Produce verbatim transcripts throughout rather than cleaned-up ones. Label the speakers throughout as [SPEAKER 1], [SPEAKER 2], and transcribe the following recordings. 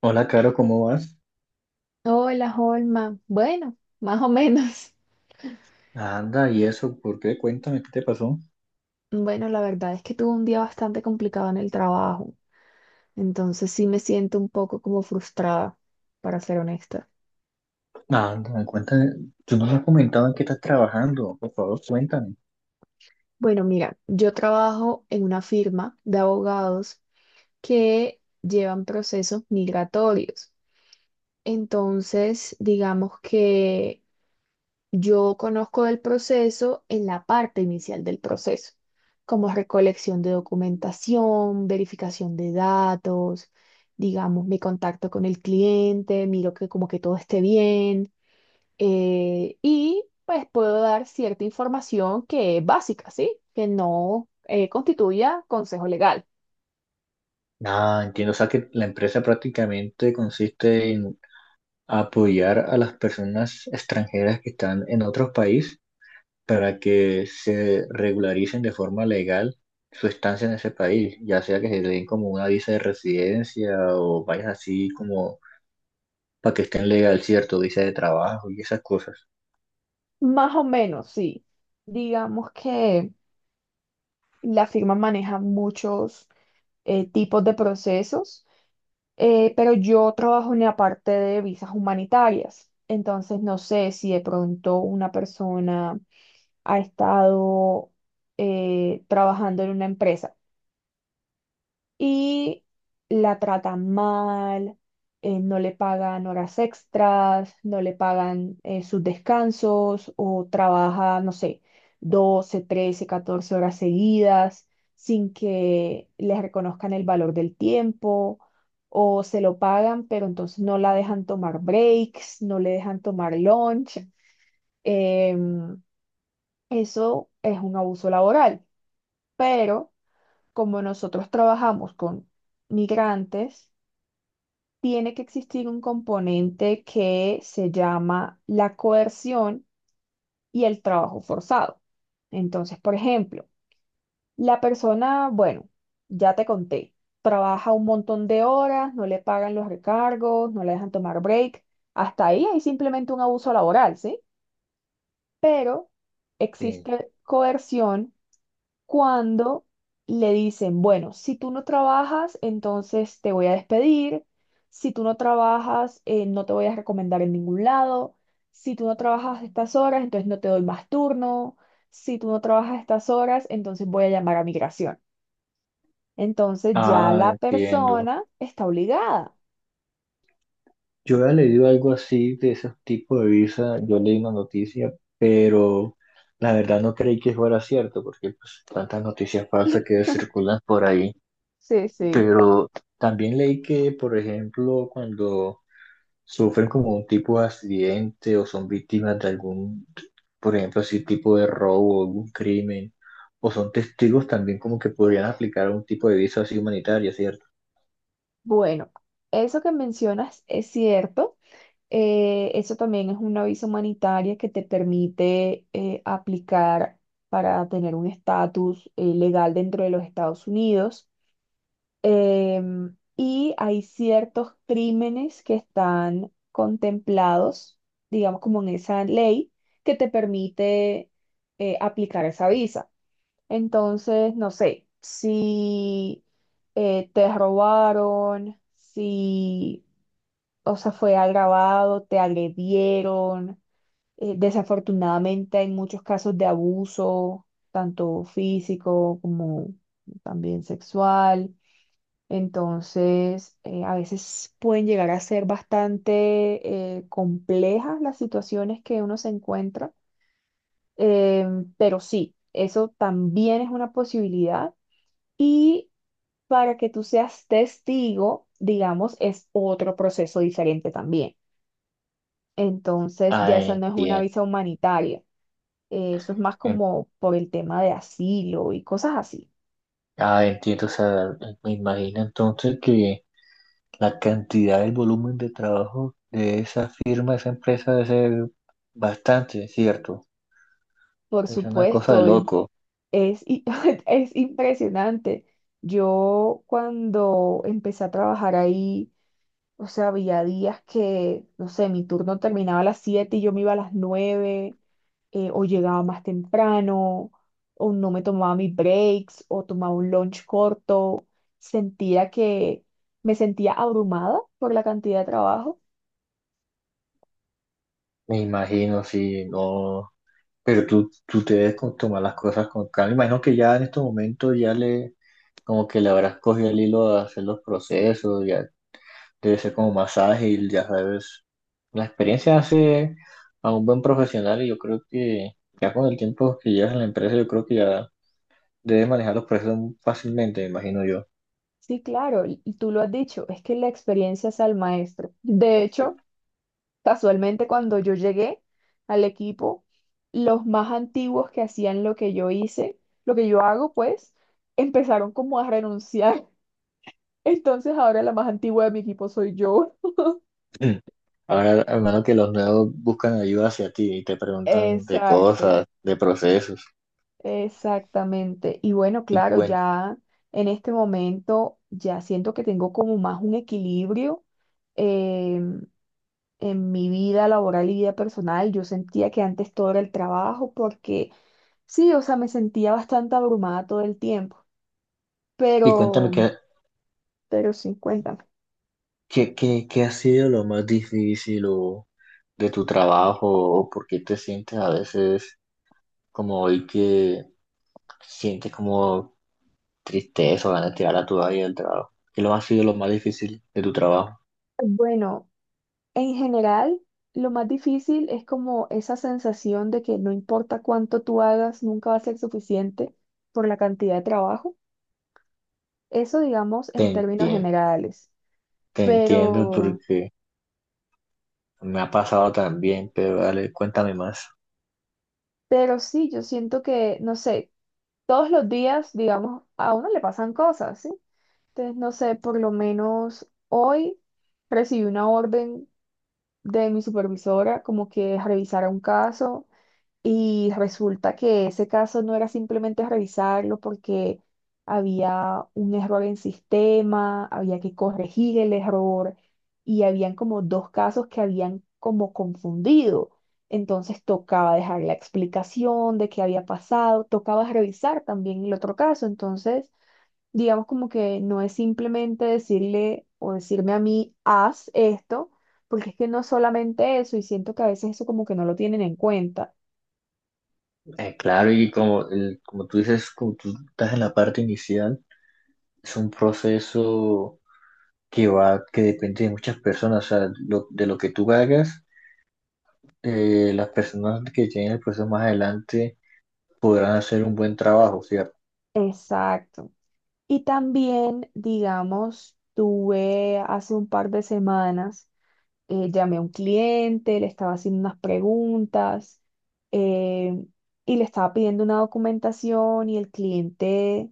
[SPEAKER 1] Hola, Caro, ¿cómo vas?
[SPEAKER 2] Hola, Holma. Bueno, más o menos.
[SPEAKER 1] Anda, ¿y eso? ¿Por qué? Cuéntame, ¿qué te pasó?
[SPEAKER 2] Bueno, la verdad es que tuve un día bastante complicado en el trabajo, entonces sí me siento un poco como frustrada, para ser honesta.
[SPEAKER 1] Anda, cuéntame. Tú no me has comentado en qué estás trabajando. Por favor, cuéntame.
[SPEAKER 2] Bueno, mira, yo trabajo en una firma de abogados que llevan procesos migratorios. Entonces, digamos que yo conozco del proceso en la parte inicial del proceso, como recolección de documentación, verificación de datos, digamos, me contacto con el cliente, miro que como que todo esté bien eh, y pues puedo dar cierta información que es básica, ¿sí? Que no eh, constituya consejo legal.
[SPEAKER 1] Ah, entiendo. O sea, que la empresa prácticamente consiste en apoyar a las personas extranjeras que están en otros países para que se regularicen de forma legal su estancia en ese país, ya sea que se le den como una visa de residencia o vayas así como para que estén legal, cierto, visa de trabajo y esas cosas.
[SPEAKER 2] Más o menos, sí. Digamos que la firma maneja muchos eh, tipos de procesos. Eh, pero yo trabajo en la parte de visas humanitarias, entonces no sé si de pronto una persona ha estado eh, trabajando en una empresa y la tratan mal, eh, no le pagan horas extras, no le pagan eh, sus descansos o trabaja, no sé, doce, trece, catorce horas seguidas sin que les reconozcan el valor del tiempo. O se lo pagan, pero entonces no la dejan tomar breaks, no le dejan tomar lunch. Em, Eso es un abuso laboral. Pero como nosotros trabajamos con migrantes, tiene que existir un componente que se llama la coerción y el trabajo forzado. Entonces, por ejemplo, la persona, bueno, ya te conté, trabaja un montón de horas, no le pagan los recargos, no le dejan tomar break. Hasta ahí hay simplemente un abuso laboral, ¿sí? Pero
[SPEAKER 1] Sí.
[SPEAKER 2] existe coerción cuando le dicen, bueno, si tú no trabajas, entonces te voy a despedir, si tú no trabajas, eh, no te voy a recomendar en ningún lado, si tú no trabajas estas horas, entonces no te doy más turno, si tú no trabajas estas horas, entonces voy a llamar a migración. Entonces ya
[SPEAKER 1] Ah,
[SPEAKER 2] la
[SPEAKER 1] entiendo.
[SPEAKER 2] persona está obligada.
[SPEAKER 1] Yo había leído algo así de ese tipo de visa, yo leí una noticia, pero la verdad no creí que fuera cierto, porque pues tantas noticias falsas que circulan por ahí.
[SPEAKER 2] Sí, sí.
[SPEAKER 1] Pero también leí que, por ejemplo, cuando sufren como un tipo de accidente o son víctimas de algún, por ejemplo, así tipo de robo, algún crimen, o son testigos también como que podrían aplicar un tipo de visa así humanitaria, ¿cierto?
[SPEAKER 2] Bueno, eso que mencionas es cierto. Eh, eso también es una visa humanitaria que te permite eh, aplicar para tener un estatus eh, legal dentro de los Estados Unidos. Em, y hay ciertos crímenes que están contemplados, digamos, como en esa ley que te permite eh, aplicar esa visa. Entonces, no sé, si eh, te robaron, si o sea, fue agravado, te agredieron, eh, desafortunadamente hay muchos casos de abuso, tanto físico como también sexual. Entonces, eh, a veces pueden llegar a ser bastante eh, complejas las situaciones que uno se encuentra. Em, pero sí, eso también es una posibilidad. Y para que tú seas testigo, digamos, es otro proceso diferente también. Entonces ya
[SPEAKER 1] Ah,
[SPEAKER 2] esa no es una
[SPEAKER 1] entiendo.
[SPEAKER 2] visa humanitaria. Eh, eso es más como por el tema de asilo y cosas así.
[SPEAKER 1] Ah, entiendo, o sea, me imagino entonces que la cantidad, el volumen de trabajo de esa firma, esa empresa debe ser bastante, ¿cierto?
[SPEAKER 2] Por
[SPEAKER 1] Es una cosa de
[SPEAKER 2] supuesto, el-
[SPEAKER 1] loco.
[SPEAKER 2] es, i- es impresionante. Yo cuando empecé a trabajar ahí, o sea, había días que, no sé, mi turno terminaba a las siete y yo me iba a las nueve eh, o llegaba más temprano, o no me tomaba mis breaks, o tomaba un lunch corto. Sentía que me sentía abrumada por la cantidad de trabajo.
[SPEAKER 1] Me imagino, sí, no, pero tú, tú te debes con- tomar las cosas con calma. Imagino que ya en estos momentos ya le, como que le habrás cogido el hilo a hacer los procesos, ya debe ser como más ágil, ya sabes. La experiencia hace a un buen profesional y yo creo que ya con el tiempo que llevas en la empresa, yo creo que ya debes manejar los procesos fácilmente, me imagino yo.
[SPEAKER 2] Sí, claro, y y tú lo has dicho, es es que la experiencia es al maestro, de hecho. Casualmente, cuando yo llegué al equipo, los más antiguos que hacían lo que yo hice, lo que yo hago, pues, empezaron como a renunciar. Entonces, ahora la más antigua de mi equipo soy yo.
[SPEAKER 1] Ahora, hermano, que los nuevos buscan ayuda hacia ti y te preguntan de
[SPEAKER 2] Exacto,
[SPEAKER 1] cosas, de procesos.
[SPEAKER 2] exactamente. Y bueno,
[SPEAKER 1] Y,
[SPEAKER 2] claro,
[SPEAKER 1] cuen-
[SPEAKER 2] ya en este momento ya siento que tengo como más un equilibrio em, en mi vida laboral y vida personal. Yo sentía que antes todo era el trabajo porque sí, o sea, me sentía bastante abrumada todo el tiempo,
[SPEAKER 1] y cuéntame
[SPEAKER 2] pero,
[SPEAKER 1] qué,
[SPEAKER 2] pero sí, cuéntame.
[SPEAKER 1] qué, qué, qué ha sido lo más difícil o de tu trabajo o por qué te sientes a veces como hoy que sientes como triste eso, ganas de tirar a tu vida del trabajo. ¿Qué lo ha sido lo más difícil de tu trabajo?
[SPEAKER 2] Bueno, en general, lo más difícil es como esa sensación de que no importa cuánto tú hagas, nunca va a ser suficiente por la cantidad de trabajo. Eso, digamos,
[SPEAKER 1] Te
[SPEAKER 2] en términos
[SPEAKER 1] entiendo,
[SPEAKER 2] generales.
[SPEAKER 1] te entiendo
[SPEAKER 2] Pero,
[SPEAKER 1] porque me ha pasado también, pero dale, cuéntame más.
[SPEAKER 2] pero sí, yo siento que, no sé, todos los días, digamos, a uno le pasan cosas, ¿sí? Entonces, no sé, por lo menos hoy recibí una orden de mi supervisora como que revisara un caso y resulta que ese caso no era simplemente revisarlo porque había un error en sistema, había que corregir el error y habían como dos casos que habían como confundido. Entonces tocaba dejar la explicación de qué había pasado, tocaba revisar también el otro caso. Entonces digamos como que no es simplemente decirle o decirme a mí, haz esto, porque es que no es solamente eso, y siento que a veces eso como que no lo tienen en cuenta.
[SPEAKER 1] Eh, claro, y como, el- como tú dices, como tú estás en la parte inicial, es un proceso que va, que depende de muchas personas, o sea, lo- de lo que tú hagas, eh, las personas que tienen el proceso más adelante podrán hacer un buen trabajo, ¿sí?
[SPEAKER 2] Exacto. Y también, digamos, tuve hace un par de semanas, eh, llamé a un cliente, le estaba haciendo unas preguntas, eh, y le estaba pidiendo una documentación y el cliente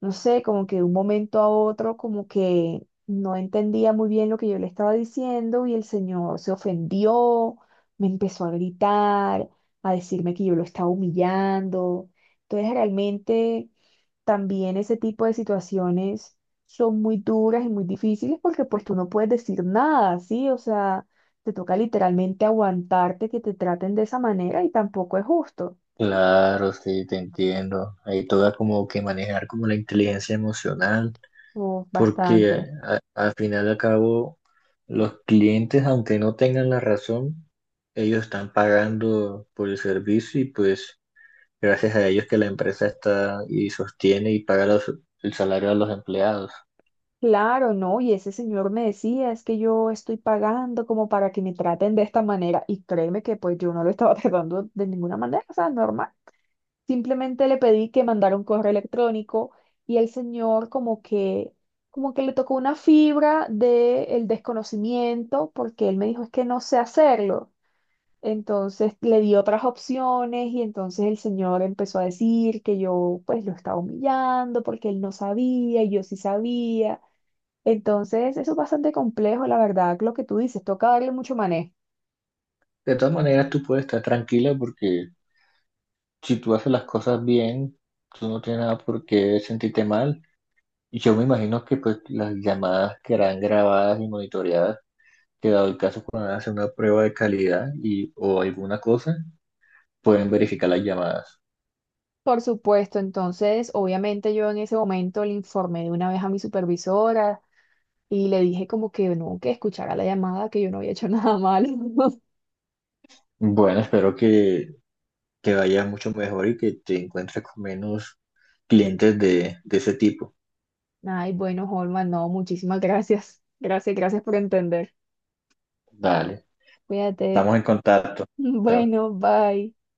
[SPEAKER 2] no sé, como que de un momento a otro, como que no entendía muy bien lo que yo le estaba diciendo y el señor se ofendió, me empezó a gritar, a decirme que yo lo estaba humillando. Entonces, realmente también ese tipo de situaciones son muy duras y muy difíciles porque pues tú no puedes decir nada, ¿sí? O sea, te toca literalmente aguantarte que te traten de esa manera y tampoco es justo.
[SPEAKER 1] Claro, sí, te entiendo. Ahí toca como que manejar como la inteligencia emocional,
[SPEAKER 2] Uf,
[SPEAKER 1] porque
[SPEAKER 2] bastante.
[SPEAKER 1] a- al final y al cabo los clientes, aunque no tengan la razón, ellos están pagando por el servicio y pues gracias a ellos que la empresa está y sostiene y paga los- el salario a los empleados.
[SPEAKER 2] Claro, no, y ese señor me decía, es que yo estoy pagando como para que me traten de esta manera, y créeme que pues yo no lo estaba tratando de ninguna manera, o sea, normal. Simplemente le pedí que mandara un correo electrónico y el señor como que, como que le tocó una fibra del desconocimiento, porque él me dijo, es que no sé hacerlo. Entonces le di otras opciones y entonces el señor empezó a decir que yo pues lo estaba humillando porque él no sabía y yo sí sabía. Entonces, eso es bastante complejo, la verdad, lo que tú dices, toca darle mucho manejo.
[SPEAKER 1] De todas maneras, tú puedes estar tranquila porque si tú haces las cosas bien, tú no tienes nada por qué sentirte mal. Y yo me imagino que pues las llamadas quedarán grabadas y monitoreadas, que dado el caso cuando van hacer una prueba de calidad y, o alguna cosa, pueden verificar las llamadas.
[SPEAKER 2] Por supuesto, entonces, obviamente yo en ese momento le informé de una vez a mi supervisora y le dije como que no, que escuchara la llamada, que yo no había hecho nada malo.
[SPEAKER 1] Bueno, espero que, que vayas mucho mejor y que te encuentres con menos clientes de, de ese tipo.
[SPEAKER 2] Ay, bueno, Holman, no, muchísimas gracias. Gracias, gracias por entender.
[SPEAKER 1] Dale,
[SPEAKER 2] Cuídate.
[SPEAKER 1] estamos en contacto. Chao.
[SPEAKER 2] Bueno, bye.